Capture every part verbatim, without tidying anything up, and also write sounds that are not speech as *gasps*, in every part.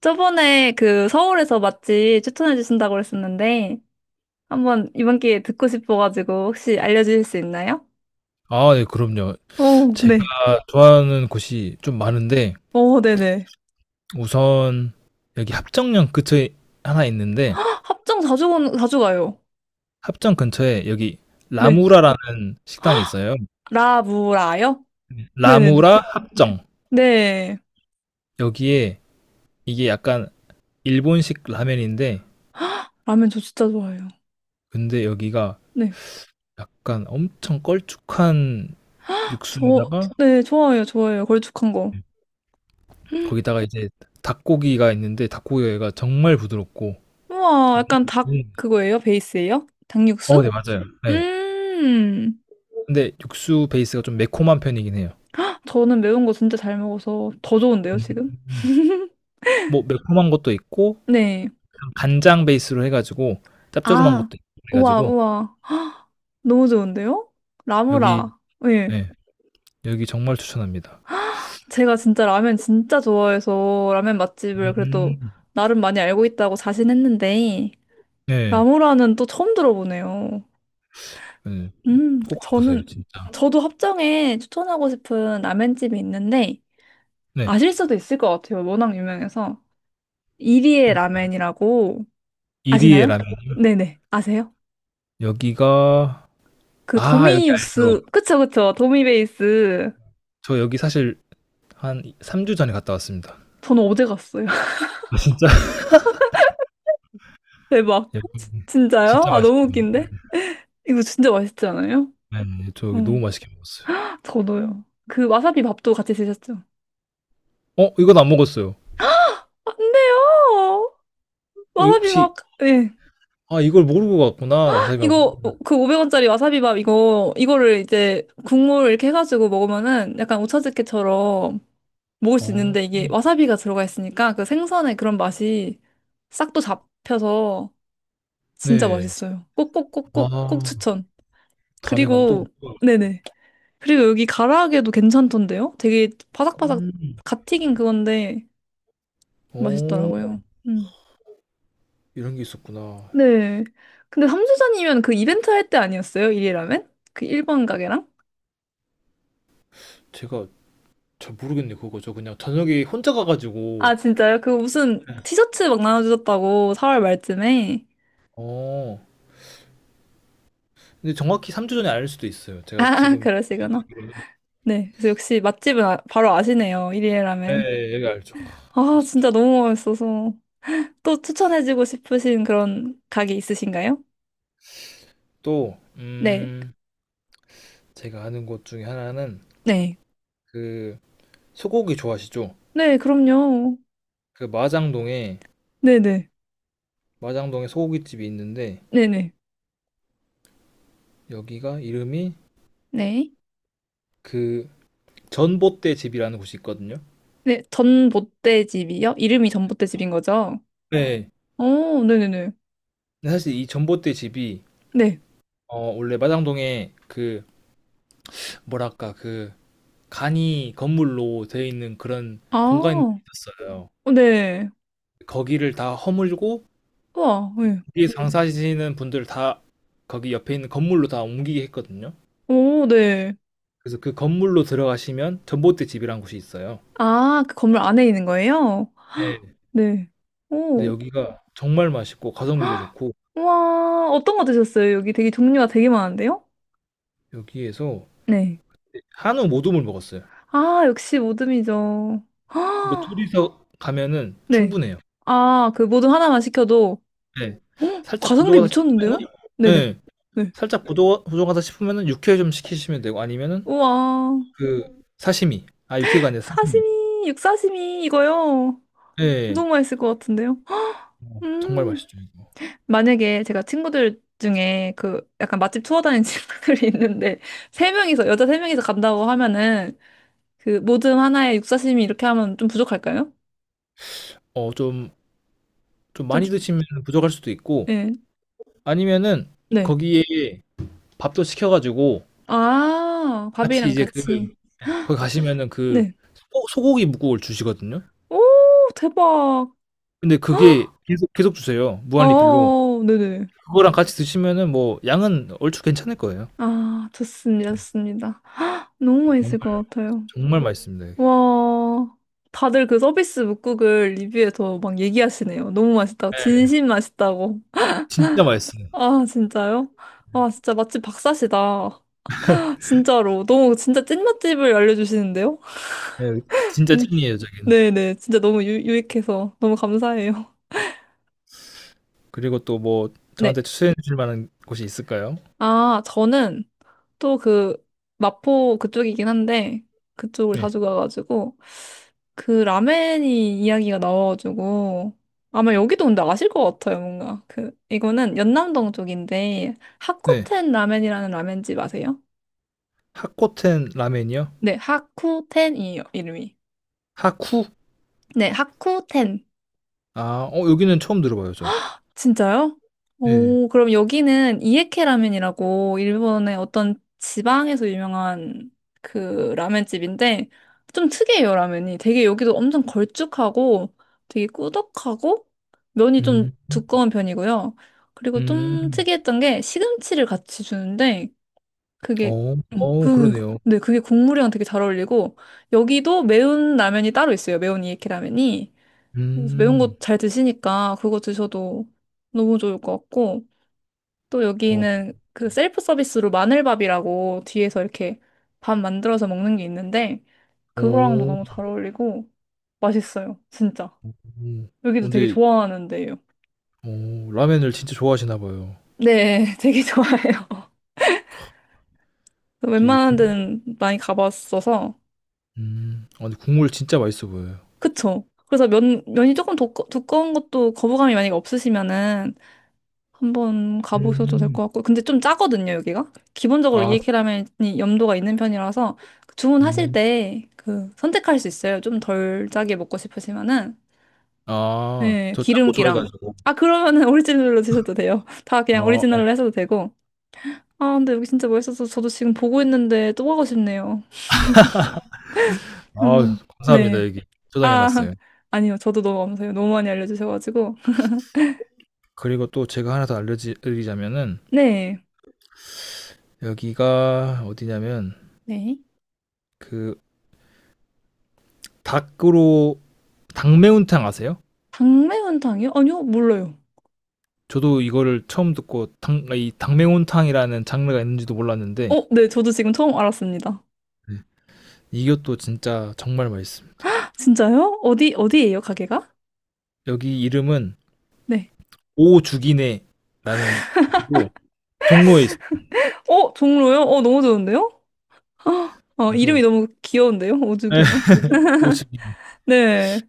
저번에 그 서울에서 맛집 추천해 주신다고 그랬었는데, 한번 이번 기회에 듣고 싶어가지고 혹시 알려주실 수 있나요? 아 네 그럼요. 오 제가 네. 좋아하는 곳이 좀 많은데 오 네네. 우선 여기 합정역 근처에 하나 있는데 합정 자주, 건- 자주 가요. 합정 근처에 여기 네. 라무라라는 식당이 있어요. 라무라요? 네. 네네네. 라무라 네. 합정. 네. 여기에 이게 약간 일본식 라멘인데 라면 저 진짜 좋아해요. 근데 여기가 네. 약간 엄청 걸쭉한 저, 육수에다가 네, 좋아요 좋아요 걸쭉한 거. *gasps* 헉, 거기다가 이제 닭고기가 있는데 닭고기가 정말 부드럽고. 우와, 약간 닭 음. 그거예요? 베이스예요? 어 네 닭육수? 맞아요. 네, 음, 근데 육수 베이스가 좀 매콤한 편이긴 해요. 저는 매운 거 진짜 잘 먹어서 더 좋은데요, 지금? 음. 뭐 매콤한 것도 있고 네. 간장 베이스로 해 가지고 짭조름한 아, 것도 있고 그래 우와, 가지고 우와. *gasps* 헉, 너무 좋은데요? 여기. 라무라. 예. 네. 여기 정말 추천합니다. 제가 진짜 라면 진짜 좋아해서 라면 맛집을 그래도 음. 나름 많이 알고 있다고 자신했는데, 네. 라무라는 또 처음 들어보네요. 네. 음, 꼭 가 보세요 저는, 진짜. 저도 합정에 추천하고 싶은 라면집이 있는데, 네. 아실 수도 있을 것 같아요. 워낙 유명해서. 이리의 이리 라면이라고 이리에 아시나요? 라면. 네네. 아세요? 여기가 그 아 여기 도미 알죠. 육수, 그쵸, 그쵸. 도미 베이스. 저 여기 사실 한 삼 주 전에 갔다 왔습니다. 저는 어제 갔어요. 진짜. *laughs* 대박. 여기 진짜요? 진짜 아, 너무 맛있어요. 웃긴데? 이거 진짜 맛있지 않아요? 네. 네네. 저 여기 너무 응. 맛있게 먹었어요. 저도요. 그 와사비 밥도 같이 드셨죠? 어 이건 안 먹었어요. 안 돼요! 어 이 와사비 혹시 밥, 예. 아 이걸 모르고 갔구나. 와사비가. 이거, 어, 그 오백 원짜리 와사비 밥, 이거, 이거를 이제 국물 이렇게 해가지고 먹으면은 약간 오차즈케처럼 먹을 수 어. 있는데 이게 와사비가 들어가 있으니까 그 생선의 그런 맛이 싹 또 잡혀서 진짜 네. 맛있어요. 꼭, 꼭, 꼭, 꼭, 꼭 아. 추천. 다음에 가면 또 그리고, 먹어요. 네네. 그리고 여기 가라아게도 괜찮던데요? 되게 바삭바삭 음. 갓 튀긴 그건데 어, 맛있더라고요. 음. 이런 게 있었구나. 네. 근데 삼주전이면 그 이벤트 할 때 아니었어요? 일이라면? 그 일본 가게랑? 제가 잘 모르겠네, 그거. 저 그냥 저녁에 혼자 아, 가가지고. 진짜요? 그 무슨 티셔츠 막 나눠주셨다고 사월 말쯤에. 어, 근데 정확히 삼 주 전에 알 수도 있어요. 아, 제가 *laughs* 지금. 그러시구나. 네. 그래서 역시 맛집은 아- 바로 아시네요. 일이라면. 네, 여기 알죠. 아, 아시죠? 진짜 너무 맛있어서. 또 추천해주고 싶으신 그런 가게 있으신가요? 또, 네. 음, 제가 아는 곳 중에 하나는 네. 그 소고기 좋아하시죠? 네, 그럼요. 그 마장동에, 네네. 마장동에 소고기집이 있는데, 네네. 여기가 이름이 네. 그 전봇대 집이라는 곳이 있거든요. 네, 전봇대집이요? 이름이 전봇대집인 거죠? 네. 어, 네네네. 근데 사실 이 전봇대 집이 네. 어, 원래 마장동에 그 뭐랄까 그 간이 건물로 되어 있는 그런 아, 공간이 있었어요. 어, 네. 거기를 다 허물고 우와, 네. 거기에 장사하시는 분들 다 거기 옆에 있는 건물로 다 옮기게 했거든요. 오, 네. 그래서 그 건물로 들어가시면 전봇대 집이라는 곳이 있어요. 아, 그 건물 안에 있는 거예요? *gasps* 헉, 네. 네. 근데 오. *gasps* 여기가 정말 맛있고 가성비도 헉, 좋고 우와, 어떤 거 드셨어요? 여기 되게 종류가 되게 많은데요? 여기에서 네. 한우 모둠을 먹었어요. 아, 역시 모듬이죠. *gasps* 이거 헉, 둘이서 가면은 네. 충분해요. 아, 그 모듬 하나만 시켜도, 네. *gasps* 헉, 살짝 가성비 부족하다 싶으면은. 미쳤는데요? 네네. 네. 네. 살짝 부족, 부족하다 싶으면은 육회 좀 시키시면 되고 아니면은 우와. 그 사시미. 아, 육회가 아니라 사시미. 사시미, 육사시미 이거요. 예. 너무 맛있을 것 같은데요. 어 정말 음. 맛있죠, 이거. 만약에 제가 친구들 중에 그 약간 맛집 투어 다니는 *laughs* 친구들이 있는데 세 명이서 여자 세 명이서 간다고 하면은 그 모듬 하나에 육사시미 이렇게 하면 좀 부족할까요? 어 좀 좀 좀 많이 주- 드시면 부족할 수도 있고 예. 아니면은 네. 거기에 밥도 시켜 가지고 아, 같이 밥이랑 이제 그 같이. 거기 가시면은 그 네. 소 소고기 뭇국을 주시거든요. 오, 대박. 어, 근데 그게 계속 계속 주세요, 어, 무한 리필로. 어, 어, 네네. 그거랑 같이 드시면은 뭐 양은 얼추 괜찮을 거예요. 아, 좋습니다. 좋습니다. 너무 맛있을 정말 것 같아요. 정말 맛있습니다, 여기. 와, 다들 그 서비스 묵국을 리뷰에서 막 얘기하시네요. 너무 맛있다고. 예. 진심 맛있다고. 진짜 맛있어요. 아, 진짜요? 아, 진짜 맛집 박사시다. *laughs* 진짜로. 너무 진짜 찐 맛집을 알려주시는데요? 예. 진짜 음, 찐이에요, 저는. 네네. 진짜 너무 유, 유익해서 너무 감사해요. 그리고 또 뭐 네. 저한테 추천해 주실 만한 곳이 있을까요? 아, 저는 또 그 마포 그쪽이긴 한데 그쪽을 예. 자주 가가지고 그 라멘이 이야기가 나와가지고 아마 여기도 근데 아실 것 같아요 뭔가 그 이거는 연남동 쪽인데 네. 하쿠텐 라멘이라는 라멘집 아세요? 하코텐 라멘이요? 네 하쿠텐이에요 이름이 하쿠? 네 하쿠텐 아 어 여기는 처음 들어봐요 저. 진짜요? 네. 오, 그럼 여기는 이에케 라면이라고 일본의 어떤 지방에서 유명한 그 라면집인데 좀 특이해요, 라면이. 되게 여기도 엄청 걸쭉하고 되게 꾸덕하고 면이 좀 음. 두꺼운 편이고요. 그리고 좀 음. 특이했던 게 시금치를 같이 주는데 그게 어. 음, 어 그 그러네요. 네, 그게 국물이랑 되게 잘 어울리고 여기도 매운 라면이 따로 있어요. 매운 이에케 라면이. 그래서 매운 음. 거 잘 드시니까 그거 드셔도 너무 좋을 것 같고, 또 어. 여기는 그 셀프 서비스로 마늘밥이라고 뒤에서 이렇게 밥 만들어서 먹는 게 있는데, 그거랑도 너무 오. 잘 어울리고, 맛있어요. 진짜. 여기도 되게 근데 좋아하는데요. 어 라멘을 진짜 좋아하시나 봐요. 네, *laughs* 되게 좋아해요. 저 이 국 웬만한 데는 많이 가봤어서, 음. 아 근데 국물 진짜 맛있어 보여요. 그쵸? 그래서 면, 면이 조금 두꺼, 두꺼운 것도 거부감이 만약에 없으시면은, 한번 가보셔도 될 음. 것 같고. 근데 좀 짜거든요, 여기가. 기본적으로 아. 이케 라면이 염도가 있는 편이라서 주문하실 음. 때 그 선택할 수 있어요. 좀 덜 짜게 먹고 싶으시면은. 아 네, 저 짠 거 좋아해 기름기랑. 가지고. 아, 그러면은 *laughs* 오리지널로 드셔도 돼요. *laughs* 다 그냥 아 예. 오리지널로 하셔도 되고. 아, 근데 여기 진짜 맛있어서 저도 지금 보고 있는데 또 가고 싶네요. 아 음, 네. 감사합니다 여기 저장해 아, 놨어요. *laughs* 아니요. 저도 너무 감사해요. 너무 많이 알려주셔가지고. 그리고 또 제가 하나 더 알려 지 드리자면은 네. 여기가 어디냐면 네. 그 닭으로 닭매운탕 아세요? 당매운탕이요? 아니요, 몰라요. 저도 이거를 처음 듣고 당, 이 닭매운탕이라는 장르가 있는지도 몰랐는데. 어, 네, 저도 지금 처음 알았습니다. 네. 이것도 진짜 정말 맛있습니다. 진짜요? 어디, 어디예요, 가게가? 여기 이름은 네. 오죽이네라는 곳이고 종로에 있어요. 어, 종로요? 어, 너무 좋은데요? *gasps* 헉, 어, 이름이 그래서 너무 귀여운데요? *laughs* 네, 오죽이네. *laughs* 오죽이네. 네.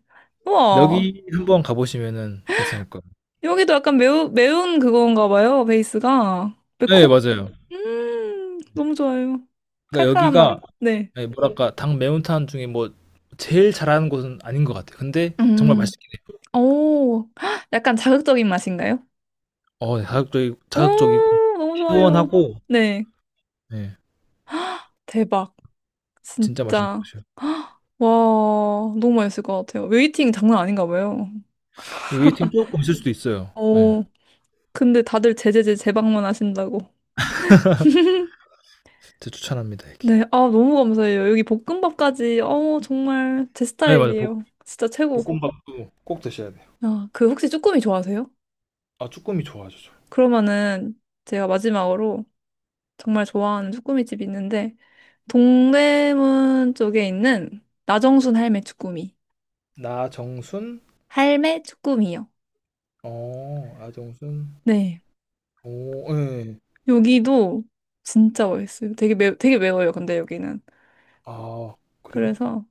우와. 여기 한번 가보시면은 괜찮을 거예요. 여기도 약간 매우, 매운 그건가 봐요, 베이스가. 네 매콤? 맞아요. 음, 너무 좋아요. 그러니까 칼칼한 맛. 여기가 네. 네, 뭐랄까 닭매운탕 중에 뭐 제일 잘하는 곳은 아닌 것 같아요. 근데 정말 음, 맛있게 오, *gasps* 헉, 약간 자극적인 맛인가요? 어 자극적이고 오, 자극적이고 너무 좋아요. 시원하고. 네. 네, 대박. 진짜 맛있는 진짜. 곳이에요. *gasps* 와, 너무 맛있을 것 같아요. 웨이팅 장난 아닌가 봐요. 이 웨이팅 조금 있을 수도 있어요. 네. 오. 근데 다들 제제제 재방문 하신다고. 진짜 추천합니다, 여기. 네, 아, 너무 감사해요. 여기 볶음밥까지, 어, 정말 제 네, 맞아. 볶, 스타일이에요. 진짜 최고. 볶음밥도 꼭 드셔야 돼요. 아, 그 혹시 쭈꾸미 좋아하세요? 아, 쭈꾸미 좋아하죠. 저. 그러면은 제가 마지막으로 정말 좋아하는 쭈꾸미집이 있는데, 동대문 쪽에 있는 나정순 할매 쭈꾸미. 나정순? 할매 쭈꾸미요. 어, 나정순. 네. 오, 예. 네. 여기도 진짜 맛있어요. 되게 매, 되게 매워요, 근데 여기는. 아, 그래요? 그래서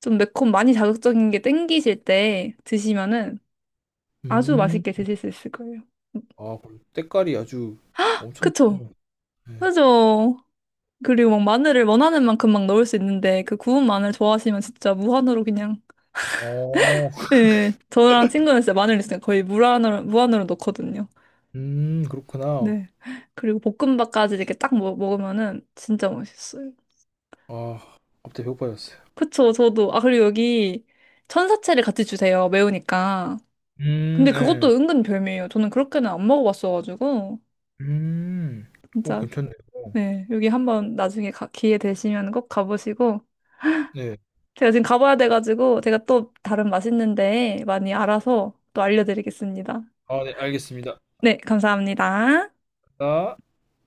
좀 매콤, 많이 자극적인 게 땡기실 때 드시면은 아주 음. 맛있게 드실 수 있을 거예요. 아, 그럼 때깔이 아주 엄청 그쵸? 좋네요. 네. 그죠? 그리고 막 마늘을 원하는 만큼 막 넣을 수 있는데 그 구운 마늘 좋아하시면 진짜 무한으로 그냥 어, 예 저랑 친구는 진짜 마늘 있으니까 거의 무한으로 무한으로 넣거든요. 음, 그렇구나. 네. 그리고 볶음밥까지 이렇게 딱 먹, 먹으면은 진짜 맛있어요. 아, 갑자기 배고파졌어요. 그쵸? 저도 아 그리고 여기 천사채를 같이 주세요. 매우니까. 음, 근데 네. 그것도 은근 별미예요. 저는 그렇게는 안 먹어봤어가지고 음. 오, 진짜 괜찮네요. 네 여기 한번 나중에 가- 기회 되시면 꼭 가보시고. 네. 제가 지금 가봐야 돼가지고 제가 또 다른 맛있는 데 많이 알아서 또 알려드리겠습니다. 아, 네, 알겠습니다. 네, 감사합니다. 아.